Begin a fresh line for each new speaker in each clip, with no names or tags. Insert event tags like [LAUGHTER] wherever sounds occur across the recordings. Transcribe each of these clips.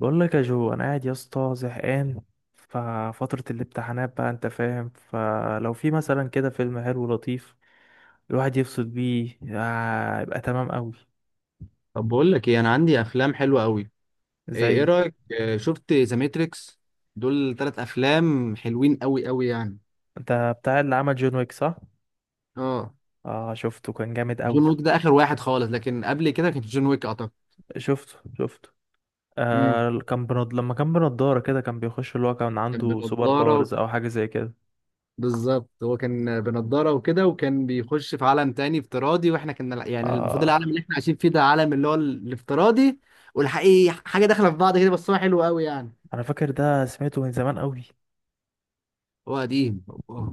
بقول لك يا جو، انا قاعد يا اسطى زهقان. ففترة الامتحانات بقى، انت فاهم، فلو في مثلا كده فيلم حلو لطيف الواحد يفصل بيه، يبقى تمام قوي.
طب بقول لك ايه، انا عندي افلام حلوه قوي.
زي؟
إيه رايك؟ شفت ذا ماتريكس؟ دول ثلاث افلام حلوين قوي قوي يعني.
انت بتاع اللي عمل جون ويك، صح؟
اه.
اه، شفته كان جامد قوي.
جون ويك ده اخر واحد خالص، لكن قبل كده كان جون ويك اعتقد.
شفته.
امم
لما كان بنضارة كده كان بيخش، اللي هو كان
كان
عنده سوبر
بنضاره.
باورز او حاجة زي كده.
بالظبط، هو كان بنضاره وكده، وكان بيخش في عالم تاني افتراضي، واحنا كنا يعني المفروض
اه.
العالم اللي احنا عايشين فيه ده عالم اللي هو الافتراضي، والحقيقي، حاجه داخله في بعض كده، بس هو حلو قوي يعني.
انا فاكر ده، سمعته من زمان قوي.
هو قديم هو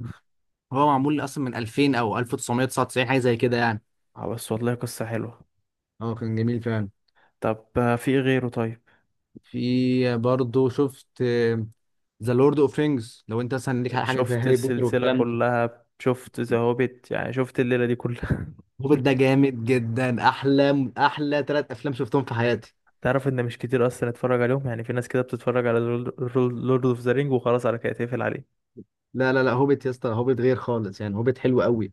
هو معمول اصلا من 2000 او 1999، حاجه زي كده يعني.
بس والله قصة حلوة.
اه، كان جميل فعلا.
طب، في إيه غيره طيب؟
في برضه، شفت ذا لورد اوف رينجز؟ لو انت مثلا ليك على حاجه زي
شفت
هاري بوتر
السلسلة
والكلام ده.
كلها، شفت ذا هوبيت، يعني شفت الليلة دي كلها.
هوبيت ده
[LAUGHS]
جامد جدا، احلى احلى ثلاث افلام شفتهم في حياتي.
تعرف ان مش كتير اصلا اتفرج عليهم، يعني في ناس كده بتتفرج على لورد اوف ذا رينج وخلاص، على كده تقفل عليه.
لا لا لا، هوبيت يا اسطى، هوبيت غير خالص يعني، هوبيت حلو قوي.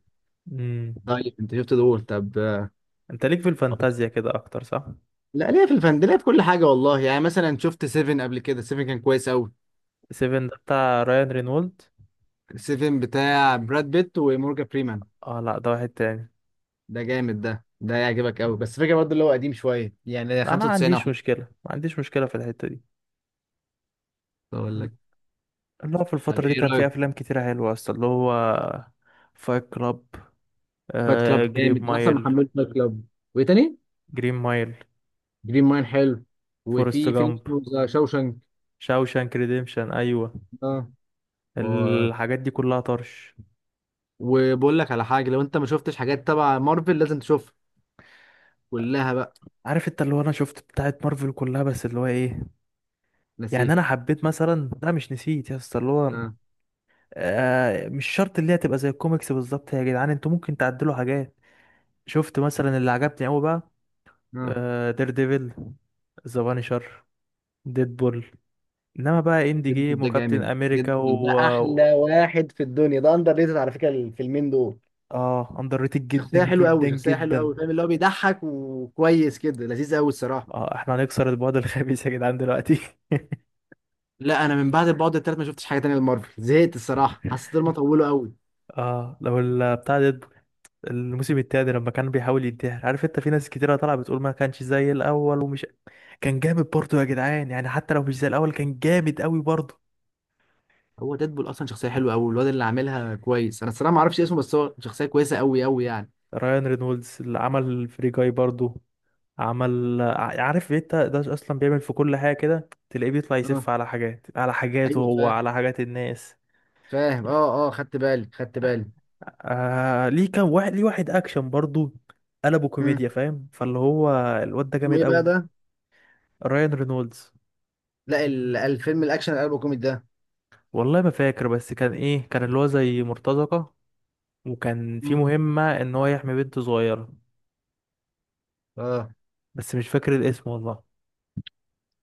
امم
طيب انت شفت دول؟ طب
انت ليك في الفانتازيا كده اكتر، صح؟
لا، ليه؟ في الفن ده، ليه؟ في كل حاجه والله يعني. مثلا شفت سيفن قبل كده؟ سيفن كان كويس قوي.
سيفن ده بتاع رايان رينولد؟
سيفن بتاع براد بيت ومورجان فريمان.
اه لا، ده واحد تاني.
ده جامد، ده يعجبك قوي. بس فكره، برضه اللي هو قديم شويه يعني،
لا انا ما
95 اهو.
عنديش مشكلة، ما عنديش مشكلة في الحتة دي.
اقول لك،
اللي هو في
طب
الفترة دي
ايه
كان في
رايك؟
افلام كتيرة حلوة اصلا، اللي هو فايت كلاب،
فايت كلاب
جرين
جامد، انا اصلا
مايل،
محمله فايت كلاب. وايه تاني؟
جرين مايل،
جرين ماين حلو.
فورست
وفي فيلم
جامب،
اسمه ذا شوشنك.
شاوشانك ريديمشن، ايوه.
اه. و...
الحاجات دي كلها طرش.
وبقول لك على حاجه، لو انت ما شفتش حاجات تبع مارفل، لازم تشوفها كلها بقى.
عارف انت اللي هو انا شفت بتاعت مارفل كلها، بس اللي هو ايه، يعني
نسيت.
انا حبيت مثلا، لا مش نسيت يا اسطى. اللي هو
اه
مش شرط اللي هي تبقى زي الكوميكس بالظبط يا جدعان، انتوا ممكن تعدلوا حاجات. شفت مثلا اللي عجبني قوي بقى
اه.
دير ديفل، ذا بانشر، ديدبول. انما بقى اندي
ديدبول
جيم
ده
وكابتن
جامد،
امريكا
ديدبول ده
و...
احلى واحد في الدنيا، ده اندر ريتد على فكره الفيلمين دول.
اه، اندر ريتد جدا
شخصيه حلوه
جدا
قوي، شخصيه حلوه
جدا
قوي، فاهم اللي هو بيضحك وكويس كده، لذيذ قوي الصراحه.
اه، احنا هنكسر البعد الخبيث يا جدعان دلوقتي.
لا، انا من بعد البعد التالت ما شفتش حاجه تانية لمارفل، زهقت الصراحه،
[LAUGHS]
حسيت إن هما طولوا قوي.
اه، لو بتاع ديدبول الموسم التاني لما كان بيحاول ينتحر، عارف انت في ناس كتيرة طالعة بتقول ما كانش زي الاول ومش... كان جامد برضه يا جدعان، يعني حتى لو مش زي الاول كان جامد قوي برضه.
هو ديدبول اصلا شخصيه حلوه قوي، والواد اللي عاملها كويس، انا الصراحه ما اعرفش اسمه، بس هو شخصيه كويسه قوي قوي يعني.
رايان رينولدز، اللي عمل فري جاي برضه، عارف انت ده اصلا بيعمل في كل حاجة كده، تلاقيه بيطلع
اه
يسف على حاجات، على حاجاته
ايوه
هو
فاهم.
على حاجات الناس.
فاهم، اه اه، خدت بالي خدت بالي.
ليه كان واحد ليه واحد اكشن برضه قلبه
مم.
كوميديا، فاهم؟ فاللي هو الواد ده
اسمه
جامد
ايه بقى
قوي.
ده؟
رايان رينولدز.
لا، الفيلم الاكشن القلب كوميدي ده.
والله ما فاكر بس كان ايه، كان اللي هو زي مرتزقة، وكان في
مم.
مهمة ان هو يحمي بنت صغيرة.
اه.
بس مش فاكر الاسم والله.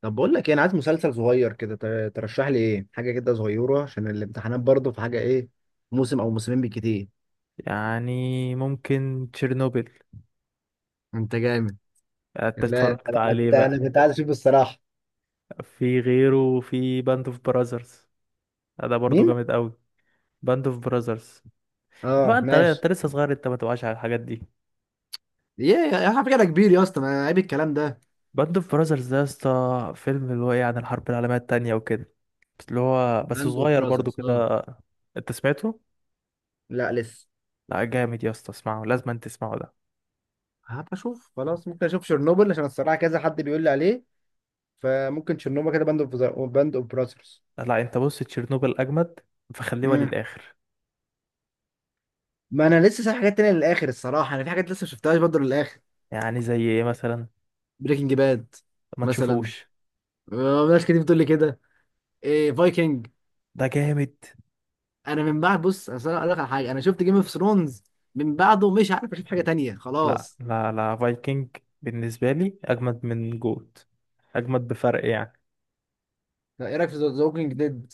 طب بقول لك ايه، انا عايز مسلسل صغير كده، ترشح لي ايه، حاجه كده صغيره عشان الامتحانات برضه، في حاجه ايه؟ موسم او موسمين بالكتير.
يعني ممكن تشيرنوبل.
انت جامد.
انت
لا لا
اتفرجت
لا، انا
عليه
كنت انا
بقى؟
كنت عايز اشوف الصراحه.
في غيره، في باند اوف براذرز، ده برضو
مين؟
جامد قوي. باند اوف براذرز. بقى
اه
انت،
ماشي.
انت لسه صغير، انت ما تبقاش على الحاجات دي.
يا على فكره أنا كبير يا اسطى، ما عيب الكلام ده.
باند اوف براذرز ده يا اسطى فيلم اللي هو ايه، عن الحرب العالمية التانية وكده، بس اللي هو بس
باند اوف
صغير برضو
براذرز.
كده. انت سمعته؟
لا لسه.
لا، جامد يا اسطى، اسمعه، لازم انت تسمعه ده.
هبقى اشوف خلاص، ممكن اشوف شرنوبل عشان الصراحه كذا حد بيقول لي عليه، فممكن شرنوبل كده، باند اوف براذرز.
لا انت بص، تشيرنوبل اجمد، فخليها
امم.
للاخر.
ما انا لسه سايب حاجات تانية للاخر الصراحه، انا في حاجات لسه ما شفتهاش برضه للاخر.
يعني زي ايه مثلا؟
بريكنج باد
ما
مثلا.
تشوفوش.
ناس كتير بتقول لي كده. إيه فايكنج.
ده جامد.
انا من بعد، بص أصل انا اقول لك على حاجه، انا شفت جيم اوف ثرونز، من بعده مش عارف اشوف حاجه تانية
لا
خلاص.
لا لا، فايكنج بالنسبه لي اجمد من جوت. اجمد بفرق يعني.
لا، ايه رايك في ذا ووكينج ديد؟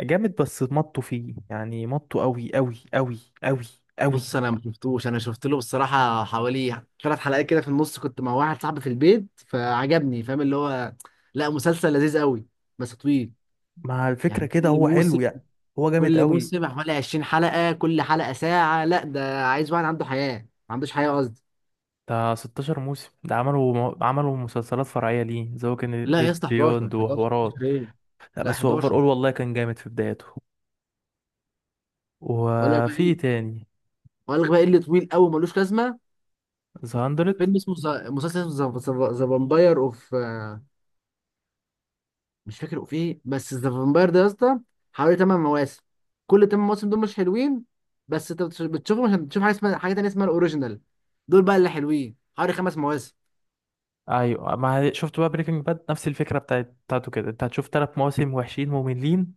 جامد، بس مطوا فيه يعني، مطوا قوي.
بص انا ما شفتوش، انا شفت له بصراحه حوالي ثلاث حلقات كده في النص، كنت مع واحد صاحبي في البيت فعجبني، فاهم اللي هو؟ لا مسلسل لذيذ قوي، بس طويل
مع الفكره
يعني.
كده
كل
هو
موسم
حلو يعني. هو جامد
كل
قوي.
موسم حوالي 20 حلقه، كل حلقه ساعه، لا ده عايز واحد عنده حياه، ما عندوش حياه قصدي.
ده 16 موسم، ده عملوا عملوا مسلسلات فرعيه ليه، زي كان
لا يا
ديد
اسطى، 11
بيوند
11 11
وحوارات.
ايه،
لا،
لا
بس هو اوفر
11.
اول، والله كان جامد في بدايته.
اقول لك بقى
وفي إيه
ايه
تاني؟
اقول لك بقى ايه اللي طويل قوي ملوش لازمه.
ذا 100.
مسلسل اسمه ذا فامباير اوف، مش فاكر في ايه، بس ذا فامباير ده يا اسطى حوالي 8 مواسم، كل 8 مواسم دول مش حلوين، بس انت بتشوفهم عشان تشوف حاجه اسمها، حاجه تانيه اسمها الاوريجينال، دول بقى اللي حلوين، حوالي خمس مواسم.
ايوه، ما شفت بقى بريكنج باد؟ نفس الفكره بتاعت بتاعته كده، انت هتشوف ثلاث مواسم وحشين مملين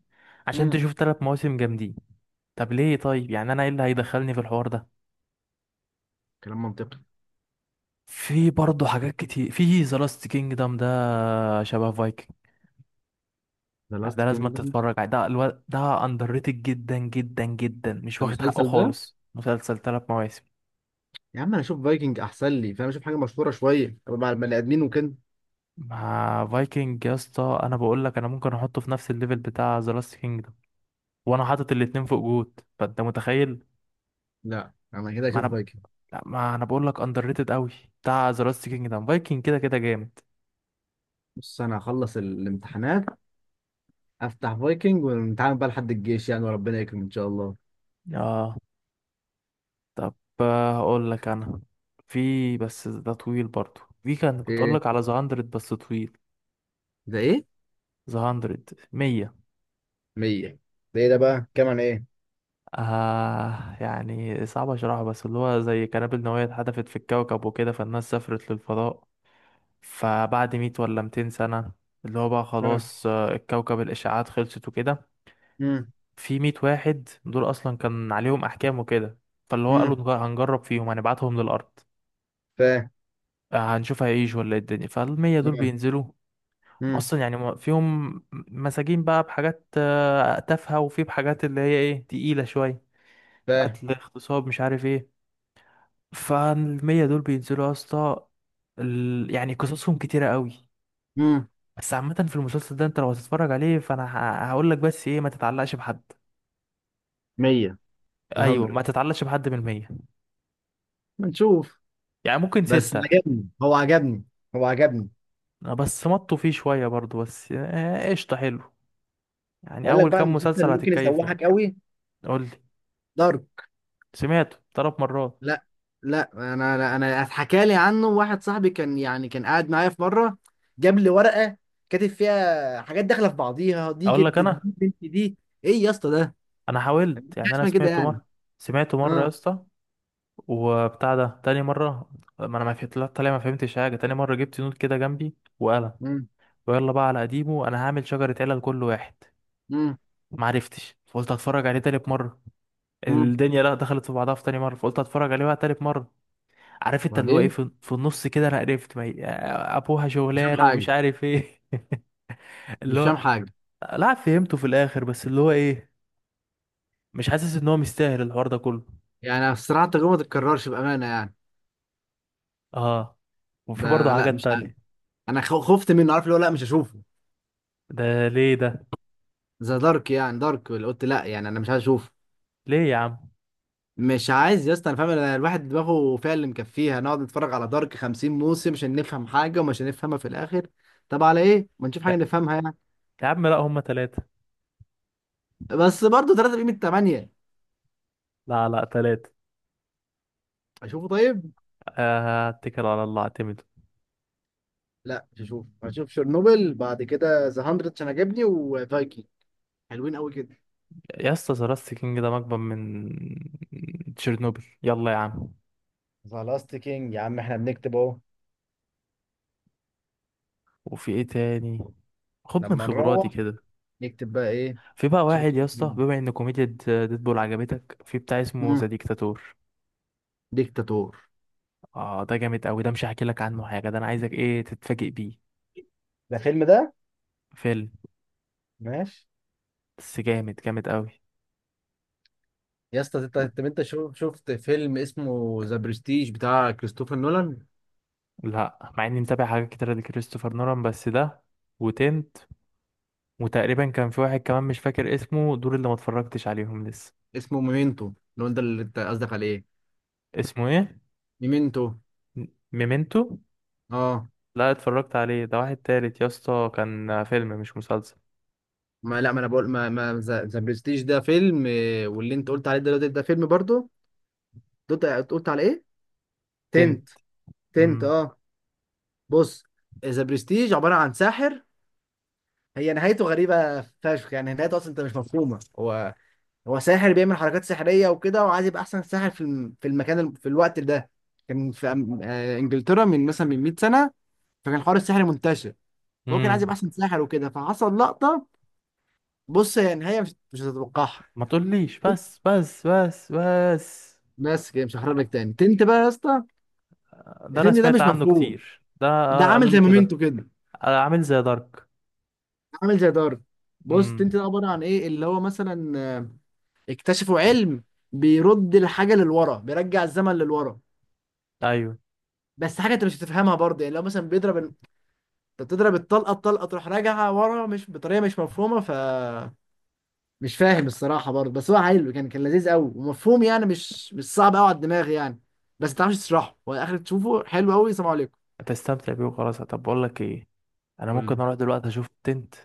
عشان
امم.
تشوف ثلاث مواسم جامدين. طب ليه طيب، يعني انا ايه اللي هيدخلني في الحوار ده؟
كلام منطقي.
في برضه حاجات كتير، في ذا لاست كينجدم، ده شبه فايكنج.
ذا
يعني
لاست
ده لازم انت
كينجدم،
تتفرج عليه، ده اندر ريتد جدا جدا جدا، مش
ده
واخد حقه
المسلسل ده.
خالص، مسلسل ثلاث مواسم.
يا عم انا اشوف فايكنج احسن لي، فاهم اشوف حاجه مشهوره شويه، أبقى مع البني ادمين وكده.
مع فايكنج يا اسطى انا بقول لك، انا ممكن احطه في نفس الليفل بتاع ذا لاست كينجدم، وانا حاطط الاتنين فوق جود، فانت متخيل.
لا انا كده
ما
اشوف
انا
فايكنج.
ما انا بقول لك اندر ريتد قوي بتاع ذا لاست كينجدم. فايكنج كده كده جامد.
بص انا هخلص الامتحانات، افتح فايكنج ونتعامل بقى لحد الجيش يعني، وربنا يكرم ان شاء الله.
اه. طب، اقول لك انا، في بس ده طويل برضو، في كان كنت اقول
ايه؟
لك على ذا 100، بس طويل.
ده ايه؟
ذا 100. 100.
100؟ ده ايه ده بقى، كام، عن ايه؟
يعني صعب اشرحه، بس اللي هو زي قنابل نووية اتحدفت في الكوكب وكده، فالناس سافرت للفضاء. فبعد 100 ولا 200 سنة، اللي هو بقى خلاص، الكوكب الاشعاعات خلصت وكده.
ها.
في 100 واحد دول اصلا كان عليهم احكام وكده، فاللي هو قالوا
امم
نج- هنجرب فيهم، هنبعتهم للارض.
فاهم.
هنشوف هيعيش ولا إيه الدنيا، فالمية دول
امم.
بينزلوا. هم
امم
اصلا يعني هم- فيهم مساجين بقى بحاجات تافهة، وفي بحاجات اللي هي ايه تقيلة شوية.
فاهم.
قتل، اغتصاب، مش عارف ايه. فالمية دول بينزلوا يا اسطى، يعني قصصهم كتيرة قوي.
امم.
بس عامة في المسلسل ده انت لو هتتفرج عليه، فانا هقول لك بس ايه، ما تتعلقش بحد.
100،
ايوه،
ال100،
ما تتعلقش بحد من المية.
نشوف.
يعني ممكن
بس
ستة.
عجبني، هو عجبني، هو عجبني.
بس مطوا فيه شوية برضو، بس قشطة حلو، يعني
اقول لك
أول
بقى
كام
المسلسل
مسلسل
اللي ممكن
هتتكيف منه.
يسوحك قوي.
قول لي.
دارك.
سمعته ثلاث مرات.
لا. لا انا انا أنا اتحكى لي عنه واحد صاحبي، كان يعني كان قاعد معايا في مره، جاب لي ورقه كاتب فيها حاجات داخله في بعضيها، دي
أقول لك
جدي دي
أنا،
بنتي دي، ايه يا اسطى ده؟
أنا
مفيش
حاولت
حاجه
يعني، أنا
اسمها كده
سمعته
يعني.
مرة. سمعته مرة يا
اه.
اسطى، وبتاع ده تاني مرة ما أنا ما فهمت. لا، طالع ما فهمتش حاجة. تاني مرة جبت نوت كده جنبي وقلم،
امم
ويلا بقى على قديمه، أنا هعمل شجرة علل كل واحد.
امم
معرفتش، فقلت هتفرج عليه تالت مرة.
امم.
الدنيا لا دخلت في بعضها في تاني مرة، فقلت هتفرج عليه بقى تالت مرة. عارف انت اللي هو ايه،
بعدين.
في النص كده انا قرفت. ما هي- ابوها
مش فاهم
شغلانه ومش
حاجه.
عارف ايه. [LAUGHS] اللي
مش
هو
فاهم حاجه.
لا فهمته في الاخر، بس اللي هو ايه، مش حاسس ان هو مستاهل الحوار ده كله.
يعني بصراحه التجربه ما تتكررش بامانه يعني.
اه. وفي برضه
ده لا
حاجات
مش عارف.
تانية.
انا خفت منه، عارف اللي هو، لا مش هشوفه.
ده ليه ده؟
ذا دارك يعني، دارك اللي قلت لا، يعني انا مش عايز اشوفه.
ليه يا عم؟
مش عايز يا اسطى، انا فاهم. أنا الواحد دماغه فيها اللي مكفيها، نقعد نتفرج على دارك 50 موسم عشان نفهم حاجه ومش هنفهمها في الاخر. طب على ايه؟ ما نشوف حاجه
لا
نفهمها يعني.
يا عم، لا هما تلاتة.
بس برضه 3 بقيمه 8.
لا لا، تلاتة.
اشوفه طيب.
اتكل على الله اعتمد.
لا مش هشوفه، هشوف شيرنوبل، بعد كده ذا 100 عشان عجبني، وفايكنج. حلوين قوي كده.
يا اسطى ذا لاست كينج ده مجبن من تشيرنوبل، يلا يا عم.
ذا لاست كينج يا عم، احنا بنكتب اهو،
وفي ايه تاني؟ خد من
لما
خبراتي
نروح
كده.
نكتب بقى ايه.
في بقى
نشوف
واحد يا
التلاتة
اسطى،
دول.
بما ان كوميديا ديدبول عجبتك، في بتاع اسمه ذا
مم.
ديكتاتور.
ديكتاتور
اه، ده جامد قوي، ده مش هحكي لك عنه حاجه، ده انا عايزك ايه تتفاجئ بيه.
ده فيلم ده؟
فيلم.
ماشي.
بس جامد، جامد قوي.
يا اسطى، انت شفت فيلم اسمه ذا برستيج بتاع كريستوفر نولان؟
لا، مع اني متابع حاجات كتيره لكريستوفر نولان بس ده، وتنت، وتقريبا كان في واحد كمان مش فاكر اسمه، دول اللي ما اتفرجتش عليهم لسه.
اسمه ميمنتو لو انت اللي انت قصدك عليه.
اسمه ايه؟
ميمنتو.
م- ميمنتو.
اه.
لا اتفرجت عليه، ده واحد تالت يا اسطى، كان فيلم مش مسلسل.
ما لا ما انا بقول ما ما ذا برستيج ده فيلم، واللي انت قلت عليه دلوقتي ده فيلم برضه. قلت على ايه؟ تنت.
تنت.
تنت
امم
اه. بص. ذا برستيج عباره عن ساحر، هي نهايته غريبه فشخ يعني، نهايته اصلا انت مش مفهومه. هو هو ساحر بيعمل حركات سحريه وكده، وعايز يبقى احسن ساحر في في المكان، في الوقت ده. كان في انجلترا، من مثلا من 100 سنه، فكان حوار السحر منتشر، فهو كان عايز يبقى
امم.
احسن ساحر وكده، فحصل لقطه. بص هي نهايه مش هتتوقعها،
ما تقوليش، بس.
بس كده مش هحرق لك. تاني، تنت بقى يا اسطى.
ده انا
التنت ده
سمعت
مش
عنه
مفهوم،
كتير ده،
ده
قالوا
عامل
لي
زي
كده.
مومنتو كده،
عامل زي دارك.
عامل زي دارك. بص
امم.
تنت ده عباره عن ايه، اللي هو مثلا اكتشفوا علم بيرد الحاجه للورا، بيرجع الزمن للورا.
ايوه.
بس حاجه انت مش هتفهمها برضه يعني. لو مثلا بيضرب، انت بتضرب الطلقه، الطلقه تروح راجعه ورا، مش بطريقه مش مفهومه ف، مش فاهم الصراحه برضه، بس هو حلو، كان لذيذ قوي، ومفهوم يعني، مش صعب قوي على الدماغ يعني. بس ما تعرفش تشرحه، هو اخر تشوفه حلو قوي. سلام عليكم.
هتستمتع بيه وخلاص. طب بقول لك ايه، انا
قول
ممكن اروح دلوقتي اشوف تنت.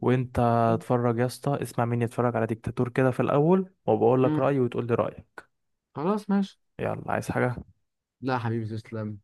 وانت
لي.
اتفرج يا اسطى، اسمع مني، اتفرج على ديكتاتور كده في الاول، وبقول لك
امم.
رايي وتقول لي رايك.
خلاص ماشي.
يلا، عايز حاجه؟
لا حبيبي تسلم.